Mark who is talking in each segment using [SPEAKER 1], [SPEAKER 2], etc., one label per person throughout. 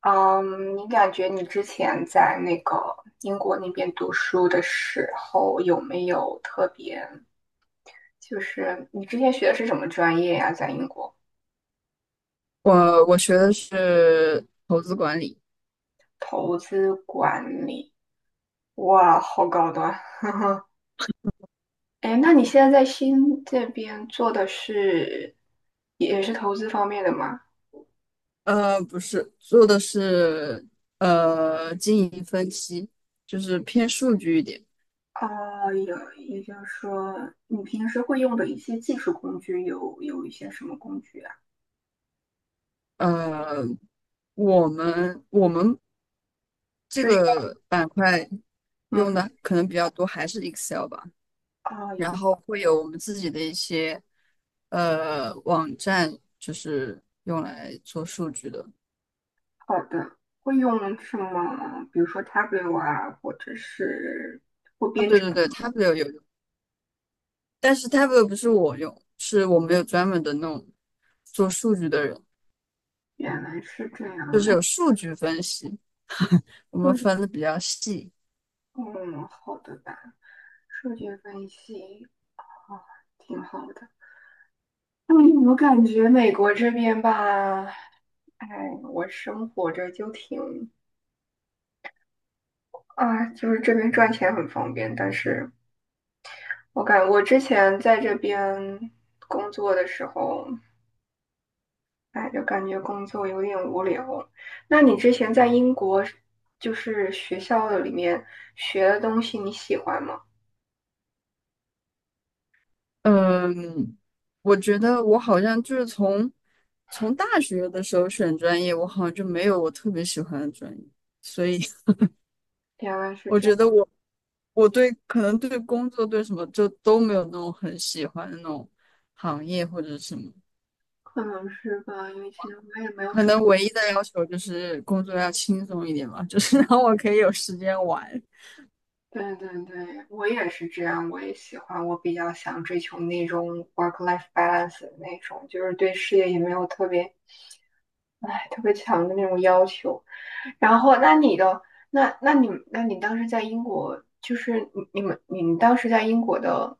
[SPEAKER 1] 嗯，你感觉你之前在那个英国那边读书的时候，有没有特别，你之前学的是什么专业呀？在英国，
[SPEAKER 2] 我学的是投资管理。
[SPEAKER 1] 投资管理，哇，好高端。哎，那你现在在新这边做的是，也是投资方面的吗？
[SPEAKER 2] 不是，做的是经营分析，就是偏数据一点。
[SPEAKER 1] 啊，有，也就是说，你平时会用的一些技术工具有一些什么工具啊？
[SPEAKER 2] 呃，我们这
[SPEAKER 1] 就是，
[SPEAKER 2] 个板块用
[SPEAKER 1] 嗯，
[SPEAKER 2] 的可能比较多，还是 Excel 吧。然
[SPEAKER 1] 啊。
[SPEAKER 2] 后会有我们自己的一些网站，就是用来做数据的。
[SPEAKER 1] 好的，会用什么？比如说 t a b l e 啊，或者是或
[SPEAKER 2] 啊，
[SPEAKER 1] 编
[SPEAKER 2] 对
[SPEAKER 1] 程。
[SPEAKER 2] 对对 t a b 有但是 t a b l e a 不是我用，是我们有专门的那种做数据的人，
[SPEAKER 1] 原来是这样
[SPEAKER 2] 就是
[SPEAKER 1] 的，
[SPEAKER 2] 有数据分析，我们
[SPEAKER 1] 数据，
[SPEAKER 2] 分的比较细。
[SPEAKER 1] 嗯，好的吧，数据分析，啊，挺好的。嗯，我感觉美国这边吧，哎，我生活着就挺，啊，就是这边赚钱很方便，但是我之前在这边工作的时候，哎，就感觉工作有点无聊。那你之前在英国，就是学校的里面学的东西，你喜欢吗？
[SPEAKER 2] 嗯，我觉得我好像就是从大学的时候选专业，我好像就没有我特别喜欢的专业，所以
[SPEAKER 1] 原来是
[SPEAKER 2] 我
[SPEAKER 1] 这样，
[SPEAKER 2] 觉得我我对可能对工作对什么就都没有那种很喜欢的那种行业或者什么。
[SPEAKER 1] 可能是吧，因为其实我也没有
[SPEAKER 2] 可
[SPEAKER 1] 什么。
[SPEAKER 2] 能唯一的要求就是工作要轻松一点吧，就是 让我可以有时间玩。
[SPEAKER 1] 对对对，我也是这样，我也喜欢，我比较想追求那种 work-life balance 的那种，就是对事业也没有特别，哎，特别强的那种要求。然后，那你的那那你那你当时在英国，就是你们当时在英国的，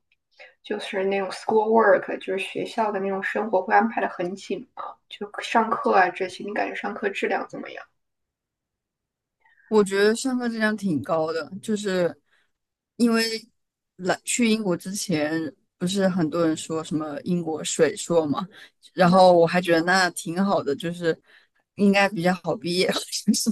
[SPEAKER 1] 就是那种 school work，就是学校的那种生活会安排的很紧吗？就上课啊这些，你感觉上课质量怎么样？
[SPEAKER 2] 我觉得上课质量挺高的，就是因为来去英国之前，不是很多人说什么英国水硕嘛，然
[SPEAKER 1] 嗯，
[SPEAKER 2] 后我还觉得那挺好的，就是应该比较好毕业，就是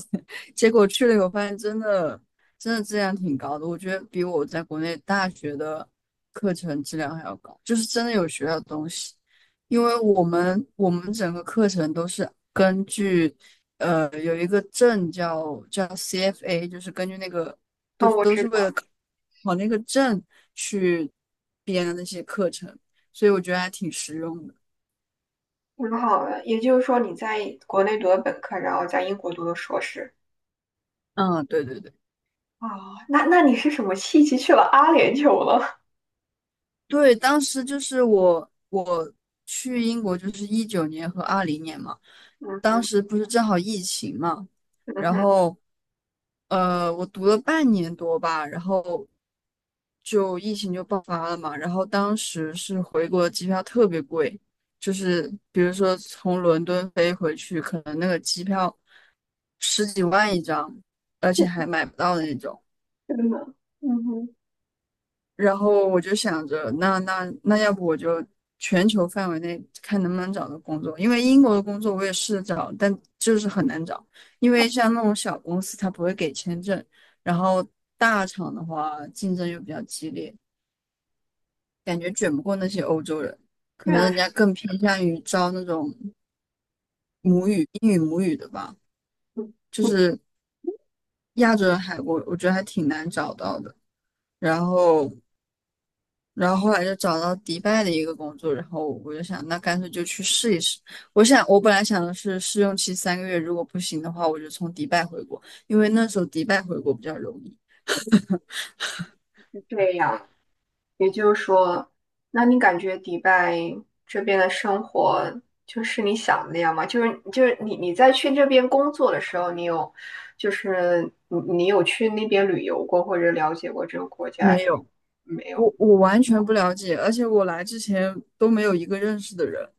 [SPEAKER 2] 结果去了以后发现真的质量挺高的，我觉得比我在国内大学的课程质量还要高，就是真的有学到东西。因为我们整个课程都是根据，有一个证叫 CFA，就是根据那个
[SPEAKER 1] 那
[SPEAKER 2] 都
[SPEAKER 1] 我
[SPEAKER 2] 都
[SPEAKER 1] 知
[SPEAKER 2] 是为
[SPEAKER 1] 道，
[SPEAKER 2] 了考那个证去编的那些课程，所以我觉得还挺实用的。
[SPEAKER 1] 挺好的。也就是说，你在国内读的本科，然后在英国读的硕士。
[SPEAKER 2] 嗯，对对对
[SPEAKER 1] 哦，那那你是什么契机去了阿联酋了？
[SPEAKER 2] 对，当时就是我去英国就是2019年和2020年嘛，
[SPEAKER 1] 嗯
[SPEAKER 2] 当
[SPEAKER 1] 哼，
[SPEAKER 2] 时不是正好疫情嘛，
[SPEAKER 1] 嗯
[SPEAKER 2] 然
[SPEAKER 1] 哼，
[SPEAKER 2] 后。我读了半年多吧，然后就疫情就爆发了嘛，然后当时是回国的机票特别贵，就是比如说从伦敦飞回去，可能那个机票十几万一张，而且 还买不到的那种。
[SPEAKER 1] 真的，嗯哼，
[SPEAKER 2] 然后我就想着，那要不我就全球范围内看能不能找到工作，因为英国的工作我也试着找，但就是很难找，因为像那种小公司它不会给签证，然后大厂的话竞争又比较激烈。感觉卷不过那些欧洲人，可
[SPEAKER 1] 原
[SPEAKER 2] 能
[SPEAKER 1] 来
[SPEAKER 2] 人家更偏向于招那种英语母语的吧。就是亚洲人还我觉得还挺难找到的。然后，然后后来就找到迪拜的一个工作，然后我就想，那干脆就去试一试。我想，我本来想的是试用期三个月，如果不行的话，我就从迪拜回国，因为那时候迪拜回国比较容易。
[SPEAKER 1] 是这样。也就是说，那你感觉迪拜这边的生活就是你想的那样吗？就是你你在去这边工作的时候，你有就是你有去那边旅游过或者了解过这个国家
[SPEAKER 2] 没有，
[SPEAKER 1] 没有？
[SPEAKER 2] 我完全不了解，而且我来之前都没有一个认识的人，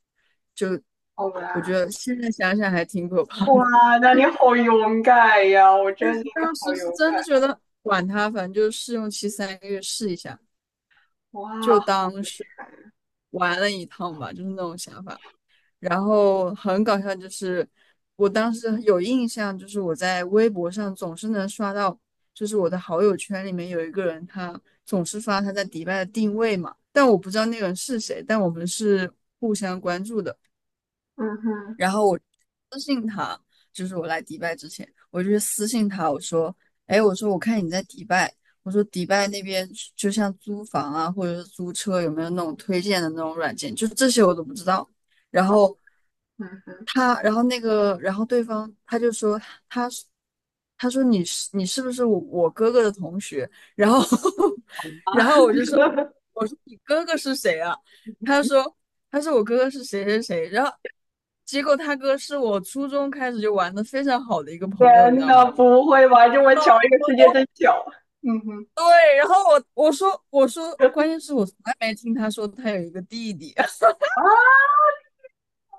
[SPEAKER 2] 就
[SPEAKER 1] 哦，
[SPEAKER 2] 我觉
[SPEAKER 1] 哇，
[SPEAKER 2] 得现在想想还挺可怕的。
[SPEAKER 1] 哇，那你好勇敢呀！我
[SPEAKER 2] 但
[SPEAKER 1] 真
[SPEAKER 2] 是
[SPEAKER 1] 的觉得你
[SPEAKER 2] 当时
[SPEAKER 1] 好
[SPEAKER 2] 是
[SPEAKER 1] 勇
[SPEAKER 2] 真
[SPEAKER 1] 敢，
[SPEAKER 2] 的觉得管他，反正就是试用期三个月试一下，
[SPEAKER 1] 哇，
[SPEAKER 2] 就
[SPEAKER 1] 好
[SPEAKER 2] 当
[SPEAKER 1] 厉
[SPEAKER 2] 是
[SPEAKER 1] 害！嗯，
[SPEAKER 2] 玩了一趟吧，就是那种想法。然后很搞笑，就是我当时有印象，就是我在微博上总是能刷到，就是我的好友圈里面有一个人，他总是发他在迪拜的定位嘛，但我不知道那个人是谁，但我们是互相关注的。
[SPEAKER 1] 嗯哼，
[SPEAKER 2] 然后我我来迪拜之前，我就去私信他，我说，哎，我说我看你在迪拜，我说迪拜那边就像租房啊，或者是租车，有没有那种推荐的那种软件？就是这些我都不知道。然后
[SPEAKER 1] 嗯哼，
[SPEAKER 2] 他，然后那个，然后对方他就说，他是他说你是不是我哥哥的同学？然后 然后我就说，我说你哥哥是谁啊？他说。他说我哥哥是谁谁谁，然后结果他哥是我初中开始就玩的非常好的一个朋友，你知
[SPEAKER 1] 天
[SPEAKER 2] 道
[SPEAKER 1] 呐，
[SPEAKER 2] 吗？
[SPEAKER 1] 不会吧？这么巧，这个世界真小。嗯哼，
[SPEAKER 2] 对，然后我说，关键是我从来没听他说他有一个弟弟。
[SPEAKER 1] 啊，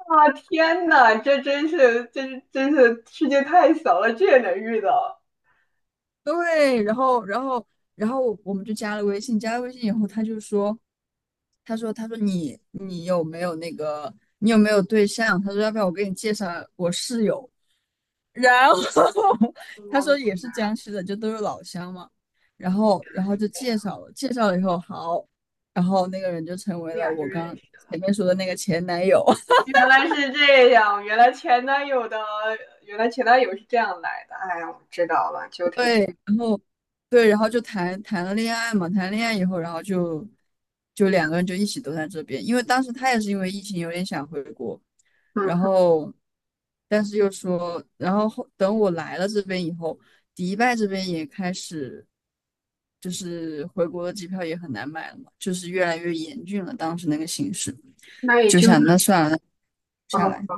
[SPEAKER 1] 啊，天呐，这真是，这是真是世界太小了，这也能遇到？
[SPEAKER 2] 对，然后我们就加了微信，加了微信以后，他就说，他说你有没有那个你有没有对象？他说要不要我给你介绍我室友？然后 他
[SPEAKER 1] 我
[SPEAKER 2] 说
[SPEAKER 1] 明
[SPEAKER 2] 也是江西的，就都是老乡嘛。然后，然后就
[SPEAKER 1] 白呀，
[SPEAKER 2] 介绍了，介绍了以后好，然后那个人就成为
[SPEAKER 1] 这
[SPEAKER 2] 了
[SPEAKER 1] 俩就
[SPEAKER 2] 我
[SPEAKER 1] 认
[SPEAKER 2] 刚
[SPEAKER 1] 识了。
[SPEAKER 2] 前面说的那个前男友。
[SPEAKER 1] 原来是这样，原来前男友的，原来前男友是这样来的。哎呀，我知道了，就挺，
[SPEAKER 2] 对，然后对，然后就谈了恋爱嘛，谈恋爱以后，然后就两个人就一起都在这边，因为当时他也是因为疫情有点想回国，然
[SPEAKER 1] 嗯，
[SPEAKER 2] 后，但是又说，然后等我来了这边以后，迪拜这边也开始，就是回国的机票也很难买了嘛，就是越来越严峻了。当时那个形势，
[SPEAKER 1] 那也
[SPEAKER 2] 就
[SPEAKER 1] 就是，
[SPEAKER 2] 想那算了，那下
[SPEAKER 1] 哦，
[SPEAKER 2] 来。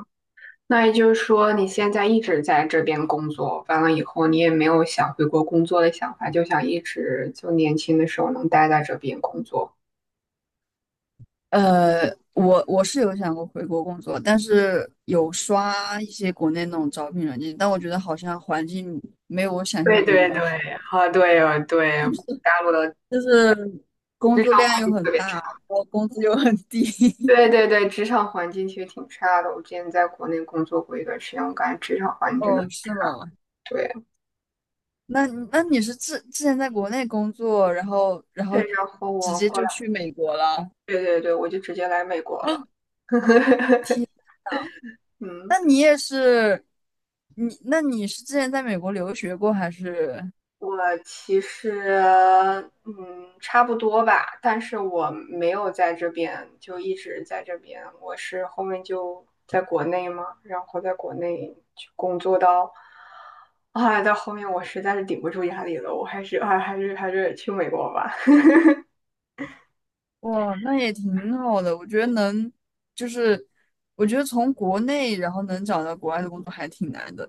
[SPEAKER 1] 那也就是说，你现在一直在这边工作，完了以后你也没有想回国工作的想法，就想一直就年轻的时候能待在这边工作。
[SPEAKER 2] 我是有想过回国工作，但是有刷一些国内那种招聘软件，但我觉得好像环境没有我想
[SPEAKER 1] 对
[SPEAKER 2] 象中那
[SPEAKER 1] 对
[SPEAKER 2] 么好，
[SPEAKER 1] 对，啊，对哦对，大陆的
[SPEAKER 2] 就是工
[SPEAKER 1] 职
[SPEAKER 2] 作
[SPEAKER 1] 场
[SPEAKER 2] 量又很
[SPEAKER 1] 特别，
[SPEAKER 2] 大，然后工资又很低。
[SPEAKER 1] 对对对，职场环境其实挺差的。我之前在国内工作过一段时间，我感觉职场环境真的
[SPEAKER 2] 哦，是吗？
[SPEAKER 1] 对。
[SPEAKER 2] 那那你是之前在国内工作，然后然
[SPEAKER 1] 对，
[SPEAKER 2] 后
[SPEAKER 1] 然后
[SPEAKER 2] 直
[SPEAKER 1] 我
[SPEAKER 2] 接
[SPEAKER 1] 后
[SPEAKER 2] 就
[SPEAKER 1] 来，
[SPEAKER 2] 去美国了
[SPEAKER 1] 对对对，我就直接来美国了。
[SPEAKER 2] 啊？
[SPEAKER 1] 嗯，
[SPEAKER 2] 那你也是，你是之前在美国留学过还是？
[SPEAKER 1] 我其实，嗯，差不多吧，但是我没有在这边，就一直在这边。我是后面就在国内嘛，然后在国内去工作到，啊，到后面我实在是顶不住压力了，我还是啊还是去美国吧。
[SPEAKER 2] 哇，那也挺好的，我觉得能就是我觉得从国内然后能找到国外的工作还挺难的，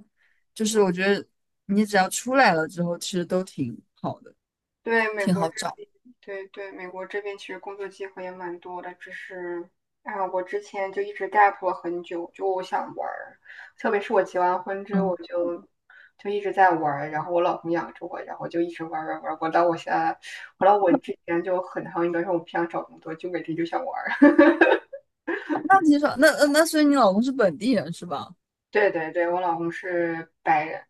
[SPEAKER 2] 就是我觉得你只要出来了之后，其实都挺好的。
[SPEAKER 1] 对，美国。对对，美国这边其实工作机会也蛮多的，只是啊，我之前就一直 gap 了很久，就我想玩儿，特别是我结完婚之后，
[SPEAKER 2] 嗯，
[SPEAKER 1] 我就就一直在玩儿，然后我老公养着我，然后就一直玩儿玩儿玩儿，我到我现在，我之前就很长一段时间我不想找工作，就每天就想玩儿。
[SPEAKER 2] 那挺少，那那所以你老公是本地人是吧？
[SPEAKER 1] 对对对，我老公是白人，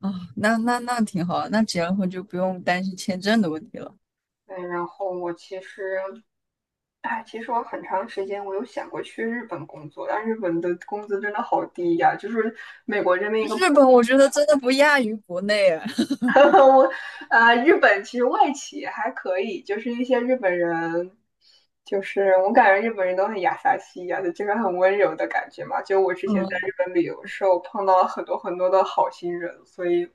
[SPEAKER 2] 哦，那挺好，那结了婚就不用担心签证的问题了。
[SPEAKER 1] 嗯，然后我其实，哎，其实我很长时间我有想过去日本工作，但日本的工资真的好低呀，就是美国这边一个
[SPEAKER 2] 日
[SPEAKER 1] 普
[SPEAKER 2] 本我觉得真的不亚于国内啊
[SPEAKER 1] 我，呃，日本其实外企还可以，就是一些日本人，就是我感觉日本人都很雅萨西亚的，就是很温柔的感觉嘛。就我 之前在
[SPEAKER 2] 嗯，
[SPEAKER 1] 日本旅游的时候，碰到了很多很多的好心人，所以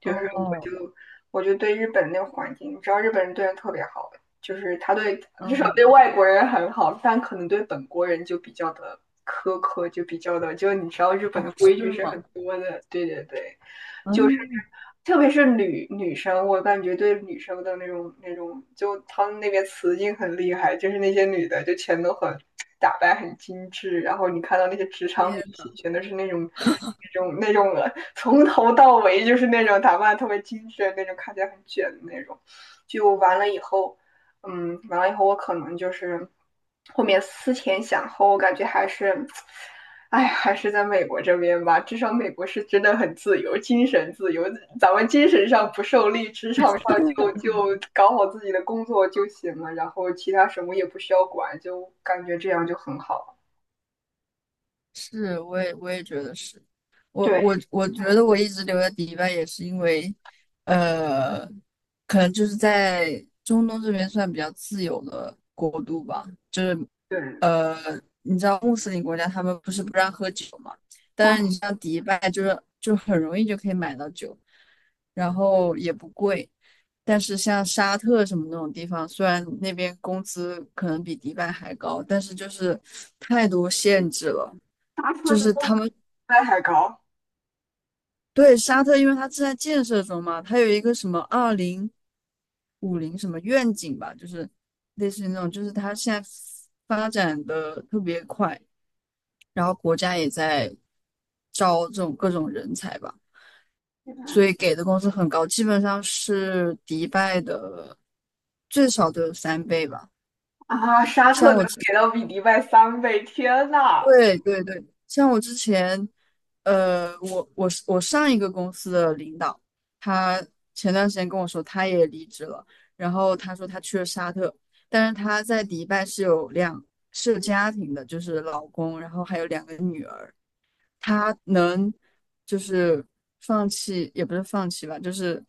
[SPEAKER 1] 就是我
[SPEAKER 2] 哦，
[SPEAKER 1] 就我就对日本那个环境，你知道日本人对人特别好，就是他对至少对
[SPEAKER 2] 嗯，
[SPEAKER 1] 外国人很好，但可能对本国人就比较的苛刻，就比较的，就你知道日本
[SPEAKER 2] 哦，
[SPEAKER 1] 的规
[SPEAKER 2] 是
[SPEAKER 1] 矩是
[SPEAKER 2] 吗？
[SPEAKER 1] 很多的，对对对。就是
[SPEAKER 2] 嗯，
[SPEAKER 1] 特别是女生，我感觉对女生的那种那种，就他们那边雌竞很厉害，就是那些女的就全都很打扮很精致，然后你看到那些职场
[SPEAKER 2] 也
[SPEAKER 1] 女性，全都是那种那种从头到尾就是那种打扮特别精致的那种，看起来很卷的那种，就完了以后。嗯，完了以后我可能就是后面思前想后，我感觉还是，哎，还是在美国这边吧。至少美国是真的很自由，精神自由，咱们精神上不受力，职场上就搞好自己的工作就行了，然后其他什么也不需要管，就感觉这样就很好。
[SPEAKER 2] 是，我也觉得是。我
[SPEAKER 1] 对
[SPEAKER 2] 我我觉得我一直留在迪拜也是因为，呃，可能就是在中东这边算比较自由的国度吧。
[SPEAKER 1] 对，嗯，
[SPEAKER 2] 呃，你知道穆斯林国家他们不是不让喝酒嘛？但是你像迪拜，就是就很容易就可以买到酒，然后也不贵。但是像沙特什么那种地方，虽然那边工资可能比迪拜还高，但是就是太多限制了。
[SPEAKER 1] 沙特
[SPEAKER 2] 就
[SPEAKER 1] 的
[SPEAKER 2] 是
[SPEAKER 1] 工
[SPEAKER 2] 他
[SPEAKER 1] 资
[SPEAKER 2] 们
[SPEAKER 1] 迪拜还高
[SPEAKER 2] 对沙特，因为它正在建设中嘛，它有一个什么2050什么愿景吧，就是类似于那种，就是它现在发展的特别快。然后国家也在招这种各种人才吧，所以给的工资很高，基本上是迪拜的最少都有三倍吧。
[SPEAKER 1] 啊，沙特
[SPEAKER 2] 像我
[SPEAKER 1] 能
[SPEAKER 2] 之
[SPEAKER 1] 给到比迪拜3倍，天呐！
[SPEAKER 2] 对对对，像我之前，我上一个公司的领导，他前段时间跟我说他也离职了，然后他说他去了沙特，但是他在迪拜是有两是有家庭的，就是老公，然后还有两个女儿。他能就是放弃，也不是放弃吧，就是